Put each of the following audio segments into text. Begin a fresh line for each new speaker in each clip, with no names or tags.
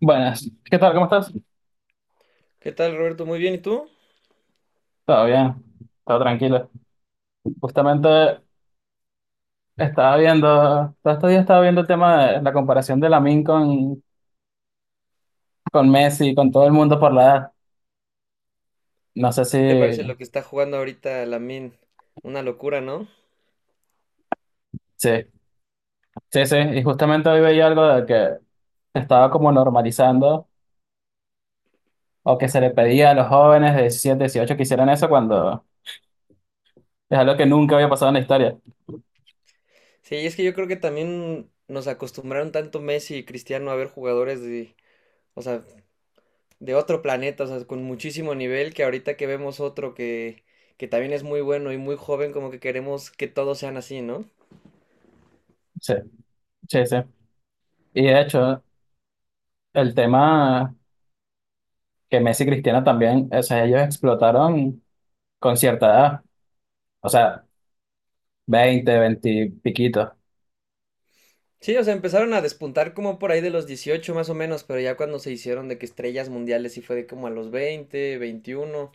Buenas, ¿qué tal? ¿Cómo estás?
¿Qué tal, Roberto? Muy bien, ¿y tú?
Todo bien, todo tranquilo. Justamente estaba viendo, todo este día estaba viendo el tema de la comparación de Lamine con Messi, con todo el mundo por la edad. No sé si,
¿Qué te parece lo que está jugando ahorita Lamin? Una locura, ¿no?
sí, sí, sí. Y justamente hoy veía algo de que estaba como normalizando o que se le pedía a los jóvenes de 17, 18 que hicieran eso cuando es algo que nunca había pasado en la historia.
Sí, es que yo creo que también nos acostumbraron tanto Messi y Cristiano a ver jugadores o sea, de otro planeta, o sea, con muchísimo nivel, que ahorita que vemos otro que también es muy bueno y muy joven, como que queremos que todos sean así, ¿no?
Sí, sí, sí. Y de hecho, el tema que Messi y Cristiano también, o sea, ellos explotaron con cierta edad. O sea, 20 20 piquitos.
Sí, o sea, empezaron a despuntar como por ahí de los 18 más o menos, pero ya cuando se hicieron de que estrellas mundiales sí fue de como a los 20, 21.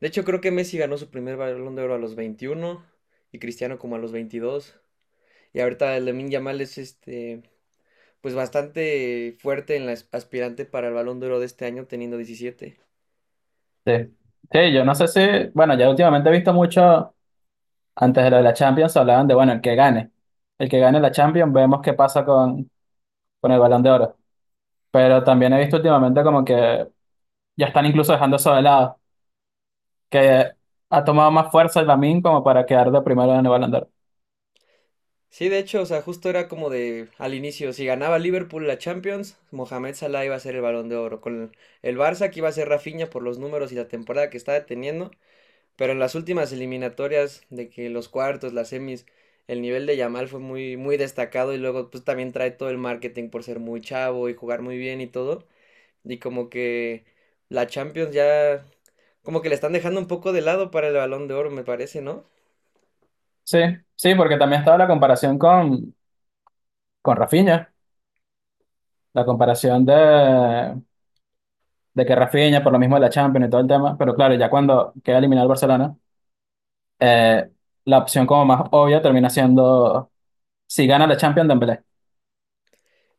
De hecho, creo que Messi ganó su primer Balón de Oro a los 21 y Cristiano como a los 22. Y ahorita el Lamine Yamal es este, pues bastante fuerte en la aspirante para el Balón de Oro de este año teniendo 17.
Sí. Sí, yo no sé si, bueno, ya últimamente he visto mucho, antes de lo de la Champions hablaban de, bueno, el que gane. El que gane la Champions, vemos qué pasa con, el Balón de Oro. Pero también he visto últimamente como que ya están incluso dejando eso de lado, que ha tomado más fuerza el Lamine como para quedar de primero en el Balón de Oro.
Sí, de hecho, o sea, justo era como de al inicio, si ganaba Liverpool la Champions, Mohamed Salah iba a ser el Balón de Oro. Con el Barça que iba a ser Rafinha por los números y la temporada que estaba teniendo. Pero en las últimas eliminatorias, de que los cuartos, las semis, el nivel de Yamal fue muy, muy destacado y luego pues también trae todo el marketing por ser muy chavo y jugar muy bien y todo. Y como que la Champions ya, como que le están dejando un poco de lado para el Balón de Oro, me parece, ¿no?
Sí, sí, porque también estaba la comparación con Rafinha, la comparación de que Rafinha, por lo mismo de la Champions y todo el tema, pero claro, ya cuando queda eliminado el Barcelona eh, la opción como más obvia termina siendo si gana la Champions Dembélé.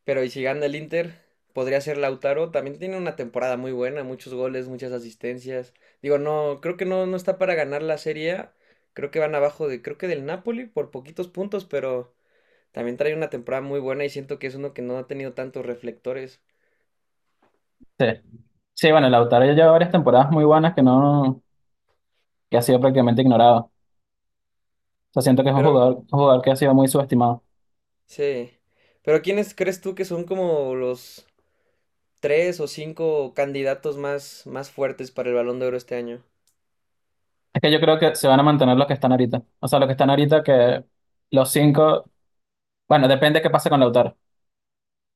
Pero y si gana el Inter, podría ser Lautaro. También tiene una temporada muy buena, muchos goles, muchas asistencias. Digo, no, creo que no, no está para ganar la Serie A. Creo que van abajo de, creo que del Napoli por poquitos puntos, pero... También trae una temporada muy buena y siento que es uno que no ha tenido tantos reflectores.
Sí. Sí, bueno, Lautaro ya lleva varias temporadas muy buenas que no, que ha sido prácticamente ignorado. O sea, siento que es
Pero
un jugador que ha sido muy subestimado.
sí. Pero ¿quiénes crees tú que son como los tres o cinco candidatos más, más fuertes para el Balón de Oro este año?
Es que yo creo que se van a mantener los que están ahorita. O sea, los que están ahorita que los cinco, bueno, depende qué pase con Lautaro,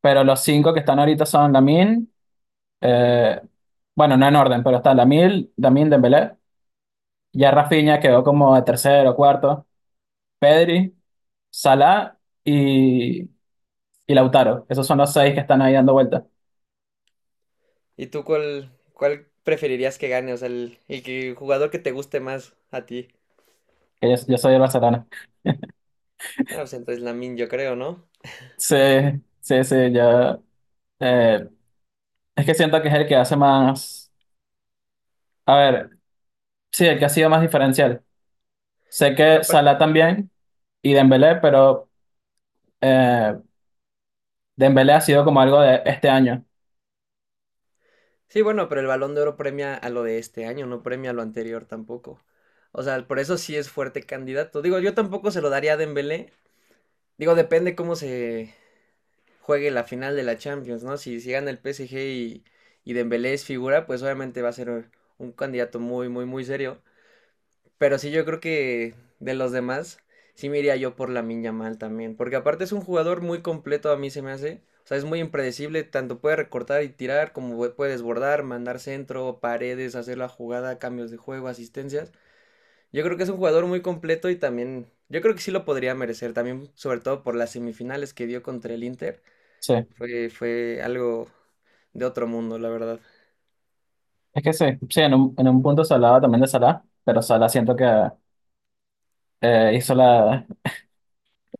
pero los cinco que están ahorita son Lamine, eh, bueno, no en orden, pero está Lamine Dembélé, ya Rafinha quedó como de tercero, o cuarto, Pedri, Salah y y Lautaro. Esos son los seis que están ahí dando vueltas.
¿Y tú cuál preferirías que gane? O sea, el el jugador que te guste más a ti.
Que yo soy el Barcelona.
No, pues entonces Lamine, yo creo, ¿no?
Sí, sí, sí, yo. eh, es que siento que es el que hace más. A ver, sí, el que ha sido más diferencial. Sé que Salah también y Dembélé, pero eh, Dembélé ha sido como algo de este año.
Sí, bueno, pero el Balón de Oro premia a lo de este año, no premia a lo anterior tampoco. O sea, por eso sí es fuerte candidato. Digo, yo tampoco se lo daría a Dembélé. Digo, depende cómo se juegue la final de la Champions, ¿no? Si gana el PSG y Dembélé es figura, pues obviamente va a ser un candidato muy, muy, muy serio. Pero sí, yo creo que de los demás, sí me iría yo por la Mal también. Porque aparte es un jugador muy completo, a mí se me hace. O sea, es muy impredecible, tanto puede recortar y tirar, como puede desbordar, mandar centro, paredes, hacer la jugada, cambios de juego, asistencias. Yo creo que es un jugador muy completo y también, yo creo que sí lo podría merecer, también sobre todo por las semifinales que dio contra el Inter.
Sí,
Fue algo de otro mundo, la verdad.
es que sí, sí, en un punto se hablaba también de Salah, pero Salah siento que hizo la,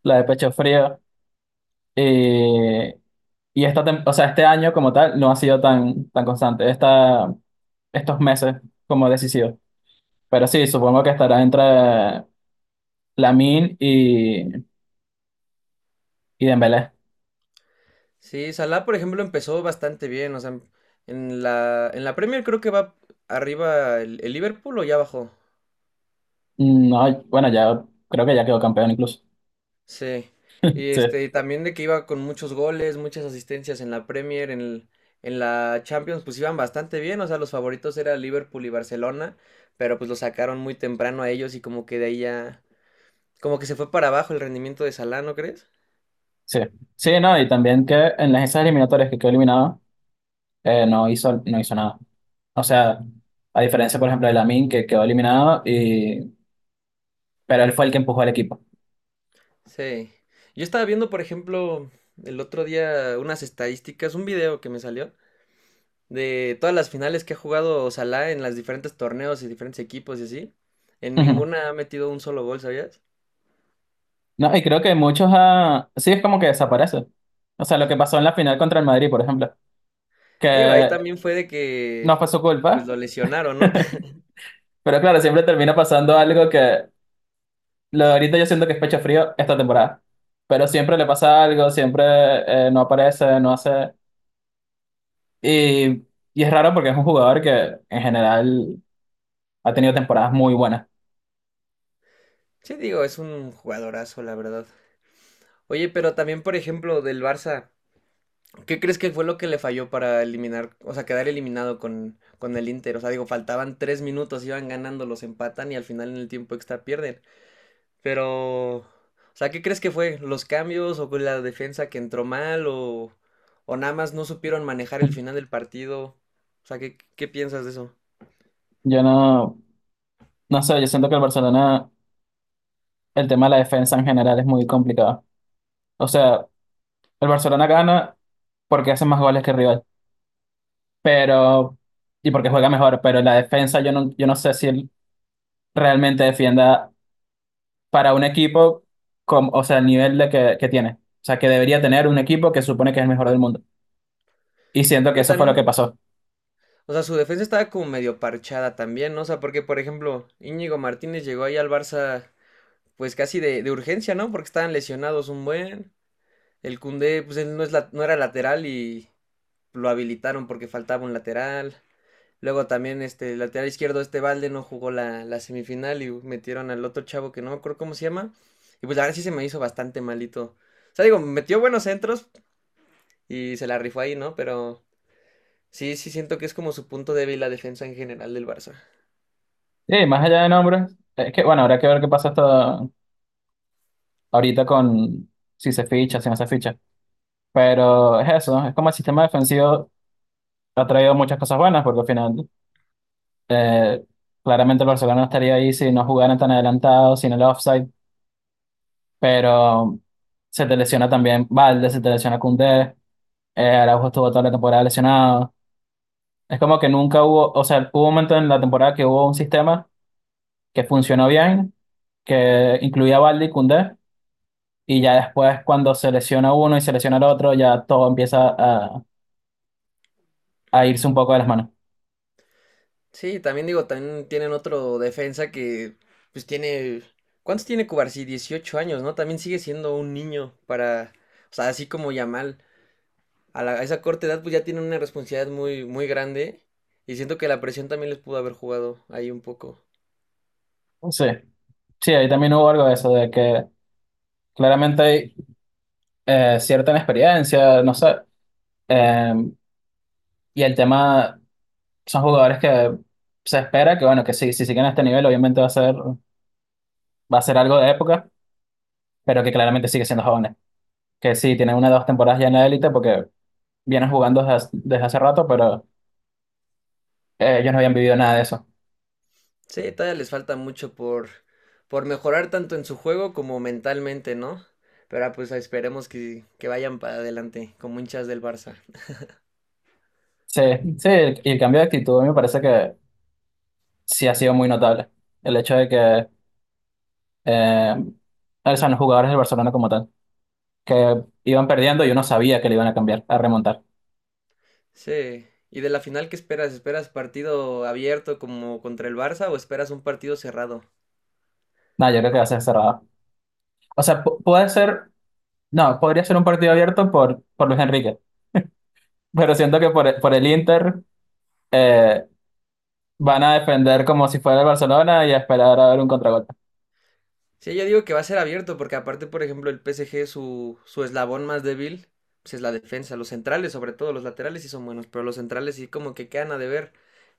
la de pecho frío y. Y o sea, este año como tal no ha sido tan constante. Estos meses como decisivo. Pero sí, supongo que estará entre Lamine y Dembélé.
Sí, Salah, por ejemplo, empezó bastante bien. O sea, en la Premier creo que va arriba el Liverpool o ya bajó.
No, bueno, ya creo que ya quedó campeón incluso.
Sí. Y
Sí,
este, y también de que iba con muchos goles, muchas asistencias en la Premier, en la Champions, pues iban bastante bien. O sea, los favoritos eran Liverpool y Barcelona, pero pues lo sacaron muy temprano a ellos y como que de ahí ya, como que se fue para abajo el rendimiento de Salah, ¿no crees?
sí. Sí, no, y también que en las esas eliminatorias que quedó eliminado, no hizo nada. O sea, a diferencia, por ejemplo, de Lamine, que quedó eliminado, pero él fue el que empujó al equipo.
Sí. Yo estaba viendo, por ejemplo, el otro día unas estadísticas, un video que me salió de todas las finales que ha jugado Salah en los diferentes torneos y diferentes equipos y así, en
Ujú.
ninguna ha metido un solo gol, ¿sabías?
No, y creo que muchos, ah, sí, es como que desaparece. O sea, lo que pasó en la final contra el Madrid, por ejemplo,
Digo, ahí
que
también fue de
no
que
fue su
pues
culpa.
lo lesionaron, ¿no?
Pero claro, siempre termina pasando algo que lo de ahorita yo siento que es pecho frío esta temporada. Pero siempre le pasa algo, siempre no aparece, no hace. Y, y es raro porque es un jugador que en general ha tenido temporadas muy buenas.
Sí, digo, es un jugadorazo, la verdad. Oye, pero también, por ejemplo, del Barça, ¿qué crees que fue lo que le falló para eliminar, o sea, quedar eliminado con el Inter? O sea, digo, faltaban 3 minutos, iban ganando, los empatan y al final en el tiempo extra pierden. Pero, o sea, ¿qué crees que fue? ¿Los cambios o la defensa que entró mal o nada más no supieron manejar el final del partido? O sea, ¿qué, qué piensas de eso?
Yo no sé, yo siento que el Barcelona, el tema de la defensa en general es muy complicado. O sea, el Barcelona gana porque hace más goles que el rival, pero, y porque juega mejor, pero la defensa yo no sé si él realmente defienda para un equipo, o sea, el nivel de que tiene. O sea, que debería tener un equipo que supone que es el mejor del mundo. Y siento que
Yo
eso fue lo que
también,
pasó.
o sea, su defensa estaba como medio parchada también, ¿no? O sea, porque, por ejemplo, Íñigo Martínez llegó ahí al Barça pues casi de urgencia, ¿no? Porque estaban lesionados un buen. El Cundé, pues él no, es no era lateral y lo habilitaron porque faltaba un lateral. Luego también este el lateral izquierdo, este balde no jugó la semifinal y metieron al otro chavo que no me acuerdo cómo se llama. Y pues la verdad sí se me hizo bastante malito. O sea, digo, metió buenos centros y se la rifó ahí, ¿no? Pero sí, sí siento que es como su punto débil la defensa en general del Barça.
Y más allá de nombres, es que, bueno, habrá que ver qué pasa hasta ahorita con si se ficha, si no se ficha. Pero es eso, es como el sistema defensivo ha traído muchas cosas buenas, porque al final, eh, claramente el Barcelona no estaría ahí si no jugaran tan adelantados, sin el offside, pero se te lesiona también Valde, se te lesiona Koundé, Araujo estuvo toda la temporada lesionado. Es como que nunca hubo, o sea, hubo un momento en la temporada que hubo un sistema que funcionó bien, que incluía a Baldi y Koundé, y ya después cuando se lesiona uno y se lesiona el otro, ya todo empieza a irse un poco de las manos.
Sí, también digo, también tienen otro defensa que pues tiene... ¿Cuántos tiene Cubarsí? 18 años, ¿no? También sigue siendo un niño para... O sea, así como Yamal. A esa corta edad pues ya tienen una responsabilidad muy, muy grande y siento que la presión también les pudo haber jugado ahí un poco.
Sí, sí, ahí también hubo algo de eso, de que claramente hay cierta inexperiencia, no sé, eh, y el tema son jugadores que se espera que, bueno, que sí, si siguen a este nivel, obviamente va a ser algo de época, pero que claramente sigue siendo jóvenes, que sí, tienen una o dos temporadas ya en la élite porque vienen jugando hace desde hace rato, pero ellos no habían vivido nada de eso.
Sí, todavía les falta mucho por mejorar tanto en su juego como mentalmente, ¿no? Pero ah, pues esperemos que vayan para adelante como hinchas del Barça.
Sí, sí, el cambio de actitud a mí me parece que sí ha sido muy notable. El hecho de que eh, son los jugadores del Barcelona como tal, que iban perdiendo y uno sabía que le iban a cambiar, a remontar.
Sí. ¿Y de la final qué esperas? ¿Esperas partido abierto como contra el Barça o esperas un partido cerrado?
No, yo creo que va a ser cerrado. O sea, puede ser, no, podría ser un partido abierto por, Luis Enrique, pero siento que por el Inter eh, van a defender como si fuera el Barcelona y a esperar a ver un contragolpe.
Sí, yo digo que va a ser abierto, porque aparte, por ejemplo, el PSG, su eslabón más débil, pues es la defensa. Los centrales, sobre todo, los laterales sí son buenos, pero los centrales sí como que quedan a deber.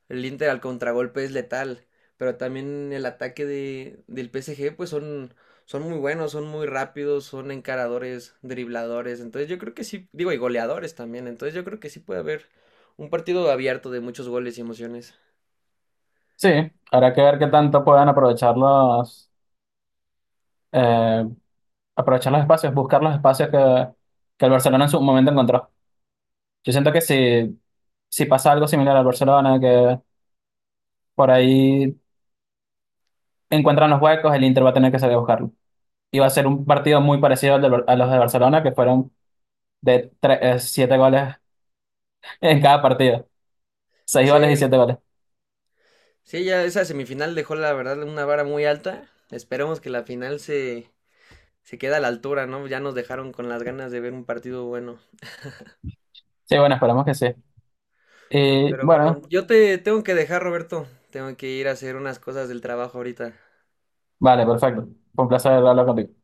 El Inter al contragolpe es letal, pero también el ataque del PSG, pues son, son muy buenos, son muy rápidos, son encaradores, dribladores. Entonces yo creo que sí, digo, y goleadores también. Entonces yo creo que sí puede haber un partido abierto de muchos goles y emociones.
Sí, habrá que ver qué tanto puedan aprovechar eh, aprovechar los espacios, buscar los espacios que el Barcelona en su momento encontró. Yo siento que si pasa algo similar al Barcelona, que por ahí encuentran los huecos, el Inter va a tener que salir a buscarlo. Y va a ser un partido muy parecido al de a los de Barcelona, que fueron de 7 goles en cada partido. Seis
Sí,
goles y 7 goles.
sí, ya esa semifinal dejó la verdad una vara muy alta. Esperemos que la final se quede a la altura, ¿no? Ya nos dejaron con las ganas de ver un partido bueno.
Sí, bueno, esperamos que sí. Y
Pero bueno,
bueno,
yo te tengo que dejar, Roberto. Tengo que ir a hacer unas cosas del trabajo ahorita.
vale, perfecto. Fue un placer hablar contigo.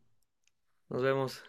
Nos vemos.